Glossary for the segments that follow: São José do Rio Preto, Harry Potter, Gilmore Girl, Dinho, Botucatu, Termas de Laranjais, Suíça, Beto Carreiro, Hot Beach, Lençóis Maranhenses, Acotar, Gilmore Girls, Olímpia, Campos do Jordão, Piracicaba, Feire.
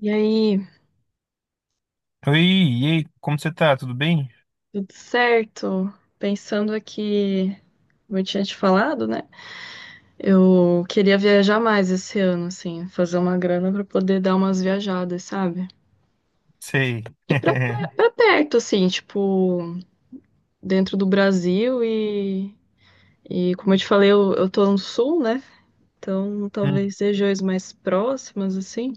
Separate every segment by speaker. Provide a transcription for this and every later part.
Speaker 1: E aí,
Speaker 2: Oi, e aí, como você tá? Tudo bem?
Speaker 1: tudo certo? Pensando aqui, como eu tinha te falado, né? Eu queria viajar mais esse ano, assim, fazer uma grana pra poder dar umas viajadas, sabe?
Speaker 2: Sei.
Speaker 1: E pra perto, assim, tipo, dentro do Brasil e como eu te falei, eu tô no sul, né? Então,
Speaker 2: Hum.
Speaker 1: talvez regiões mais próximas, assim.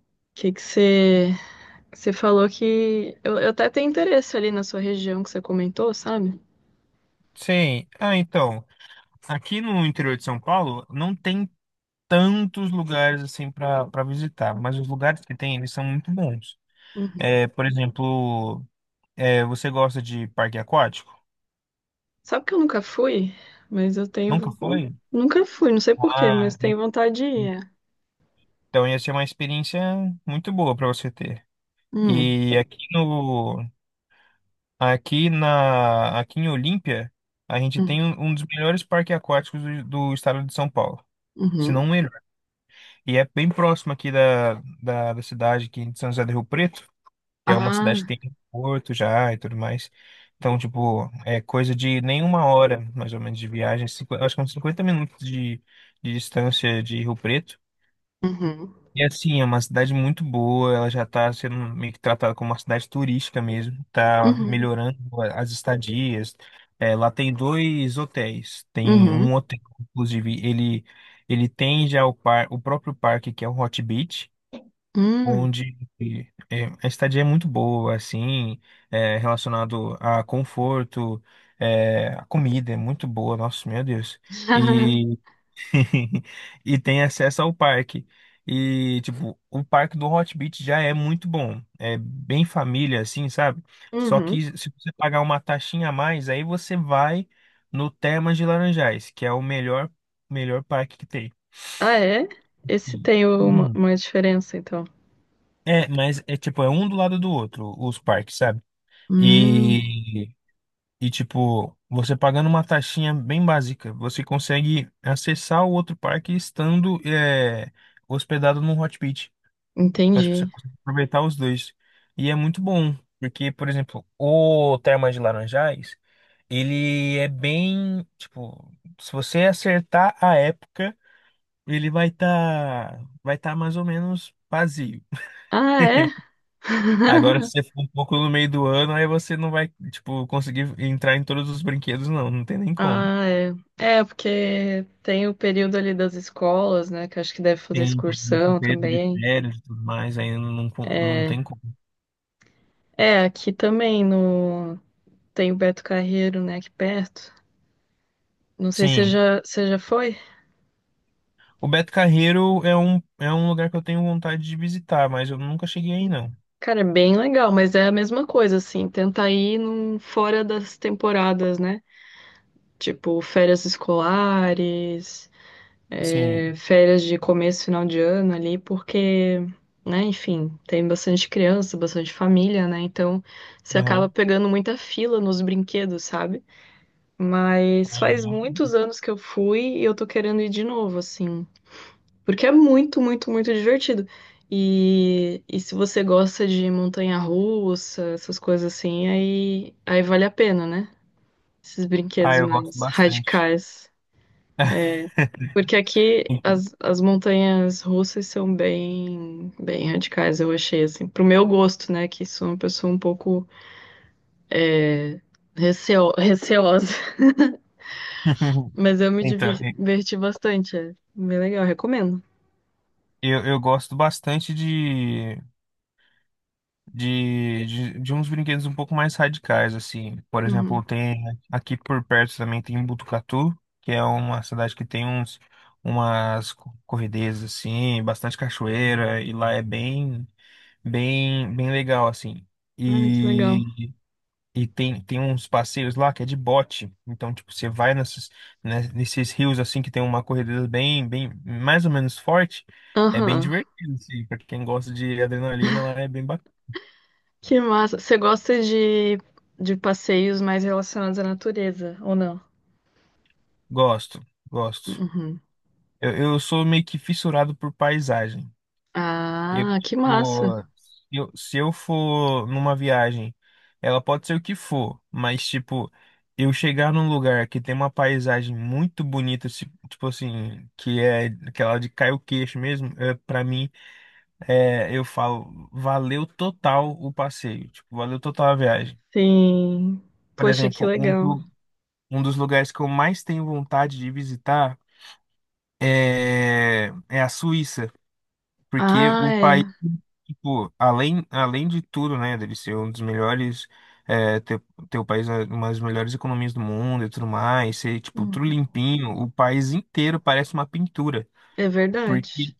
Speaker 1: O que que você, você falou que eu até tenho interesse ali na sua região que você comentou, sabe?
Speaker 2: Sei. Ah, então, aqui no interior de São Paulo não tem tantos lugares assim para visitar, mas os lugares que tem, eles são muito bons.
Speaker 1: Uhum.
Speaker 2: É, por exemplo, é, você gosta de parque aquático?
Speaker 1: Sabe que eu nunca fui? Mas eu tenho.
Speaker 2: Nunca foi?
Speaker 1: Nunca fui, não sei por quê, mas
Speaker 2: Ah, en-
Speaker 1: tenho vontade de ir.
Speaker 2: então ia ser uma experiência muito boa para você ter.
Speaker 1: Hum,
Speaker 2: E aqui no Aqui na, aqui em Olímpia, a gente tem
Speaker 1: hum,
Speaker 2: um dos melhores parques aquáticos do estado de São Paulo, se não o
Speaker 1: uhum.
Speaker 2: melhor. E é bem próximo aqui da cidade aqui de São José do Rio Preto, que é uma cidade que
Speaker 1: Ah,
Speaker 2: tem porto já e tudo mais. Então, tipo, é coisa de nenhuma hora, mais ou menos, de viagem, acho que uns 50 minutos de distância de Rio Preto.
Speaker 1: uhum,
Speaker 2: E assim, é uma cidade muito boa, ela já está sendo meio que tratada como uma cidade turística mesmo, está
Speaker 1: uhum,
Speaker 2: melhorando as estadias. É, lá tem dois hotéis, tem um
Speaker 1: uhum,
Speaker 2: hotel, inclusive, ele tem já o próprio parque, que é o Hot Beach,
Speaker 1: hum.
Speaker 2: onde é, a estadia é muito boa, assim, é, relacionado a conforto, é, a comida é muito boa, nossa, meu Deus. E tem acesso ao parque. E, tipo, o parque do Hot Beach já é muito bom. É bem família, assim, sabe? Só
Speaker 1: Uhum.
Speaker 2: que se você pagar uma taxinha a mais, aí você vai no Termas de Laranjais, que é o melhor, melhor parque que tem.
Speaker 1: Ah, é? Esse tem
Speaker 2: Uhum.
Speaker 1: uma diferença, então.
Speaker 2: É, mas é tipo, é um do lado do outro, os parques, sabe?
Speaker 1: Hum,
Speaker 2: E E, tipo, você pagando uma taxinha bem básica, você consegue acessar o outro parque estando é, hospedado num hot pit. Então, tipo, você
Speaker 1: entendi.
Speaker 2: consegue aproveitar os dois. E é muito bom, porque, por exemplo, o Termas de Laranjais, ele é bem, tipo, se você acertar a época, ele vai tá mais ou menos vazio.
Speaker 1: Ah, é?
Speaker 2: Agora, se você for um pouco no meio do ano, aí você não vai, tipo, conseguir entrar em todos os brinquedos, não. Não tem nem como.
Speaker 1: Ah, é. É, porque tem o período ali das escolas, né? Que acho que deve fazer
Speaker 2: Tem esse
Speaker 1: excursão
Speaker 2: período de
Speaker 1: também.
Speaker 2: férias e tudo mais, ainda não, não
Speaker 1: É,
Speaker 2: tem como.
Speaker 1: é aqui também no. Tem o Beto Carreiro, né, aqui perto. Não sei se
Speaker 2: Sim.
Speaker 1: você já foi.
Speaker 2: O Beto Carreiro é um lugar que eu tenho vontade de visitar, mas eu nunca cheguei aí, não.
Speaker 1: Cara, é bem legal, mas é a mesma coisa, assim. Tenta ir num, fora das temporadas, né? Tipo, férias escolares, é,
Speaker 2: Sim.
Speaker 1: férias de começo, final de ano ali, porque, né, enfim, tem bastante criança, bastante família, né? Então, você acaba
Speaker 2: Aham.
Speaker 1: pegando muita fila nos brinquedos, sabe? Mas faz muitos anos que eu fui e eu tô querendo ir de novo, assim. Porque é muito, muito, muito divertido. E se você gosta de montanha-russa, essas coisas assim, aí vale a pena, né? Esses
Speaker 2: Ah,
Speaker 1: brinquedos
Speaker 2: eu gosto
Speaker 1: mais
Speaker 2: bastante.
Speaker 1: radicais. Porque aqui as montanhas russas são bem, bem radicais, eu achei, assim. Pro meu gosto, né? Que sou uma pessoa um pouco receosa. Mas eu
Speaker 2: Então,
Speaker 1: diverti bastante. É bem legal, recomendo.
Speaker 2: eu gosto bastante de, de uns brinquedos um pouco mais radicais, assim. Por exemplo,
Speaker 1: Uhum.
Speaker 2: tem aqui por perto também tem Botucatu, que é uma cidade que tem uns umas corredezas assim, bastante cachoeira e lá é bem legal assim.
Speaker 1: Ah, que legal.
Speaker 2: E E tem uns passeios lá que é de bote. Então, tipo, você vai nesses, né, nesses rios assim que tem uma corredeza bem, mais ou menos forte. É bem
Speaker 1: Aham.
Speaker 2: divertido, assim, pra quem gosta de adrenalina lá é bem.
Speaker 1: Que massa. Você gosta de passeios mais relacionados à natureza, ou não?
Speaker 2: Gosto, gosto.
Speaker 1: Uhum.
Speaker 2: Eu sou meio que fissurado por paisagem. Eu,
Speaker 1: Ah, que massa.
Speaker 2: tipo, se eu for numa viagem, ela pode ser o que for, mas, tipo, eu chegar num lugar que tem uma paisagem muito bonita, tipo assim, que é aquela de cair o queixo mesmo, é, pra mim, é, eu falo, valeu total o passeio, tipo, valeu total a viagem.
Speaker 1: Sim.
Speaker 2: Por
Speaker 1: Poxa, que
Speaker 2: exemplo, um,
Speaker 1: legal.
Speaker 2: do- um dos lugares que eu mais tenho vontade de visitar é a Suíça. Porque
Speaker 1: Ah,
Speaker 2: o
Speaker 1: é.
Speaker 2: país, tipo, além de tudo, né, dele ser um dos melhores, é, ter o país, né, uma das melhores economias do mundo e tudo mais, ser, tipo, tudo
Speaker 1: Uhum.
Speaker 2: limpinho, o país inteiro parece uma pintura.
Speaker 1: É verdade.
Speaker 2: Porque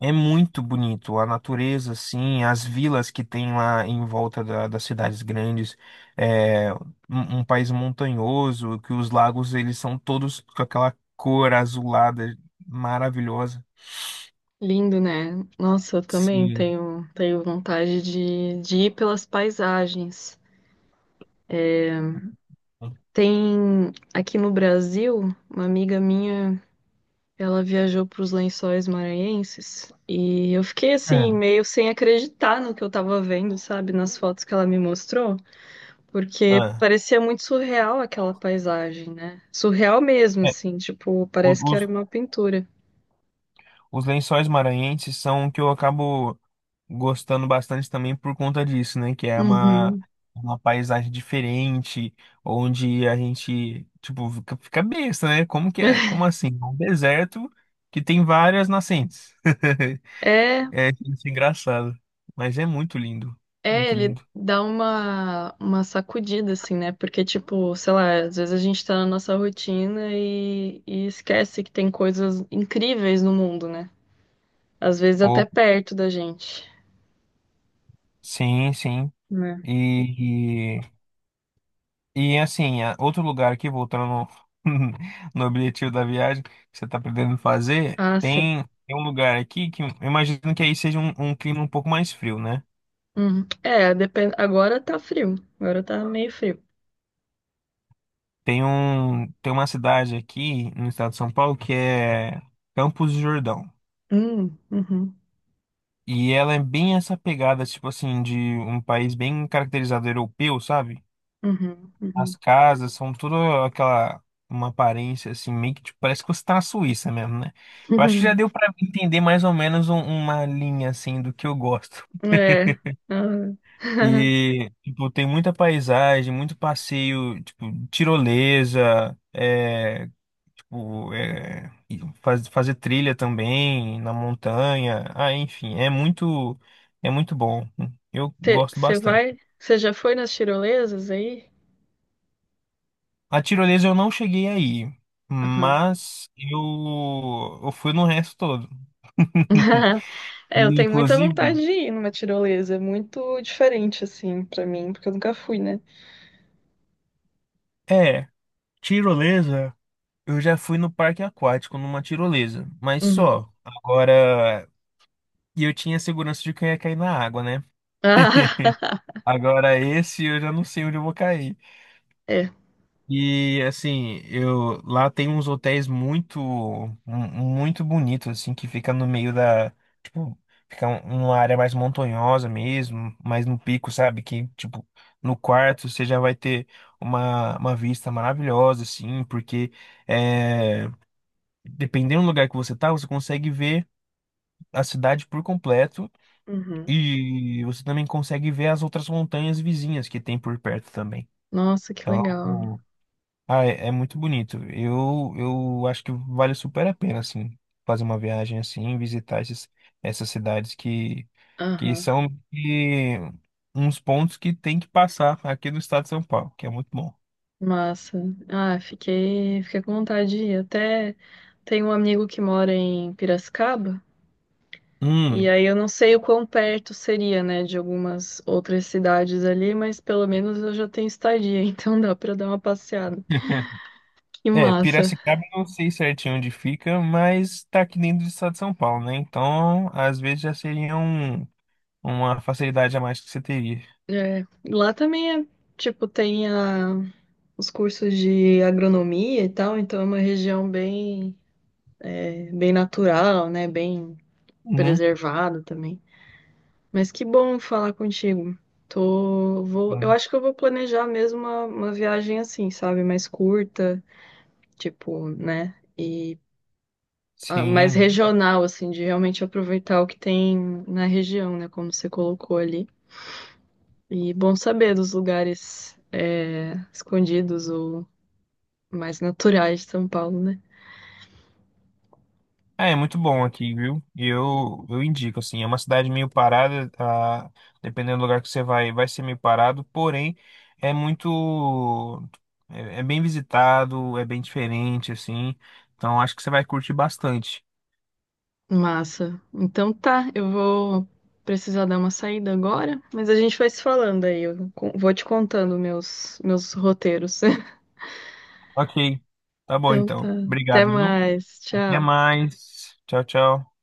Speaker 2: é muito bonito, a natureza, assim, as vilas que tem lá em volta das cidades grandes, é um, um país montanhoso, que os lagos, eles são todos com aquela cor azulada maravilhosa.
Speaker 1: Lindo, né? Nossa, eu também
Speaker 2: Sim.
Speaker 1: tenho vontade de ir pelas paisagens. Tem aqui no Brasil uma amiga minha. Ela viajou para os Lençóis Maranhenses e eu fiquei assim
Speaker 2: Ah,
Speaker 1: meio sem acreditar no que eu tava vendo, sabe, nas fotos que ela me mostrou, porque
Speaker 2: ah.
Speaker 1: parecia muito surreal aquela paisagem, né? Surreal mesmo, assim, tipo,
Speaker 2: O-
Speaker 1: parece que
Speaker 2: Os,
Speaker 1: era uma pintura.
Speaker 2: os Lençóis Maranhenses são o que eu acabo gostando bastante também por conta disso, né? Que é
Speaker 1: Uhum.
Speaker 2: uma paisagem diferente, onde a gente, tipo, fica besta, né? Como que é? Como assim? É um deserto que tem várias nascentes.
Speaker 1: É,
Speaker 2: É, isso é engraçado. Mas é muito lindo.
Speaker 1: é,
Speaker 2: Muito
Speaker 1: ele
Speaker 2: lindo.
Speaker 1: dá uma sacudida, assim, né? Porque, tipo, sei lá, às vezes a gente tá na nossa rotina e esquece que tem coisas incríveis no mundo, né? Às vezes até
Speaker 2: Oh,
Speaker 1: perto da gente.
Speaker 2: sim, sim.
Speaker 1: Né?
Speaker 2: E, E assim, outro lugar aqui, voltando no, no objetivo da viagem que você está pretendendo fazer,
Speaker 1: Ah, sim.
Speaker 2: tem um lugar aqui que eu imagino que aí seja um, um clima um pouco mais frio, né?
Speaker 1: Uhum. É, depende. Agora tá frio. Agora tá meio frio.
Speaker 2: Tem uma cidade aqui no estado de São Paulo que é Campos do Jordão.
Speaker 1: Hum, uhum,
Speaker 2: E ela é bem essa pegada, tipo assim, de um país bem caracterizado europeu, sabe?
Speaker 1: uhum,
Speaker 2: As
Speaker 1: uhum.
Speaker 2: casas são tudo aquela uma aparência assim, meio que tipo, parece que você tá na Suíça mesmo, né? Eu acho que já deu pra entender mais ou menos uma linha assim do que eu gosto.
Speaker 1: É.
Speaker 2: E tipo, tem muita paisagem, muito passeio, tipo, tirolesa, é, tipo, é, e fazer trilha também na montanha. Ah, enfim, é muito bom. Eu gosto
Speaker 1: Você
Speaker 2: bastante.
Speaker 1: vai? Você já foi nas tirolesas aí?
Speaker 2: A tirolesa eu não cheguei aí,
Speaker 1: Aham.
Speaker 2: mas eu fui no resto todo.
Speaker 1: É, eu tenho muita
Speaker 2: Inclusive,
Speaker 1: vontade de ir numa tirolesa. É muito diferente, assim, pra mim, porque eu nunca fui, né?
Speaker 2: é, tirolesa, eu já fui no parque aquático numa tirolesa, mas
Speaker 1: Uhum.
Speaker 2: só. Agora, e eu tinha segurança de que eu ia cair na água, né?
Speaker 1: Ah,
Speaker 2: Agora esse eu já não sei onde eu vou cair.
Speaker 1: é.
Speaker 2: E assim, eu lá tem uns hotéis muito bonitos assim que fica no meio da, tipo, fica numa área mais montanhosa mesmo, mais no pico, sabe? Que tipo, no quarto você já vai ter uma vista maravilhosa assim, porque é, dependendo do lugar que você tá, você consegue ver a cidade por completo
Speaker 1: Uhum.
Speaker 2: e você também consegue ver as outras montanhas vizinhas que tem por perto também.
Speaker 1: Nossa, que legal.
Speaker 2: Então, ah, é, é muito bonito. Eu acho que vale super a pena, assim, fazer uma viagem assim, visitar esses, essas cidades que
Speaker 1: Aham.
Speaker 2: são que, uns pontos que tem que passar aqui no estado de São Paulo, que é muito bom.
Speaker 1: Massa. Ah, fiquei com vontade de ir. Até tem um amigo que mora em Piracicaba, e
Speaker 2: Hum.
Speaker 1: aí eu não sei o quão perto seria, né, de algumas outras cidades ali, mas pelo menos eu já tenho estadia, então dá pra dar uma passeada. Que
Speaker 2: É,
Speaker 1: massa.
Speaker 2: Piracicaba eu não sei certinho onde fica, mas tá aqui dentro do estado de São Paulo, né? Então, às vezes já seria uma facilidade a mais que você teria.
Speaker 1: É, lá também é, tipo, tem a, os cursos de agronomia e tal, então é uma região bem, é, bem natural, né, bem
Speaker 2: Uhum.
Speaker 1: preservada também. Mas que bom falar contigo. Eu acho que eu vou planejar mesmo uma viagem assim, sabe? Mais curta, tipo, né? E ah, mais
Speaker 2: Sim.
Speaker 1: regional, assim, de realmente aproveitar o que tem na região, né? Como você colocou ali. E bom saber dos lugares é, escondidos ou mais naturais de São Paulo, né?
Speaker 2: É muito bom aqui, viu? E eu indico, assim, é uma cidade meio parada, ah, dependendo do lugar que você vai, vai ser meio parado, porém é muito, é bem visitado, é bem diferente, assim, então acho que você vai curtir bastante.
Speaker 1: Massa. Então tá, eu vou precisar dar uma saída agora, mas a gente vai se falando aí. Vou te contando meus roteiros.
Speaker 2: Ok, tá bom
Speaker 1: Então tá.
Speaker 2: então.
Speaker 1: Até
Speaker 2: Obrigado, viu?
Speaker 1: mais.
Speaker 2: Até
Speaker 1: Tchau.
Speaker 2: mais. Tchau, tchau.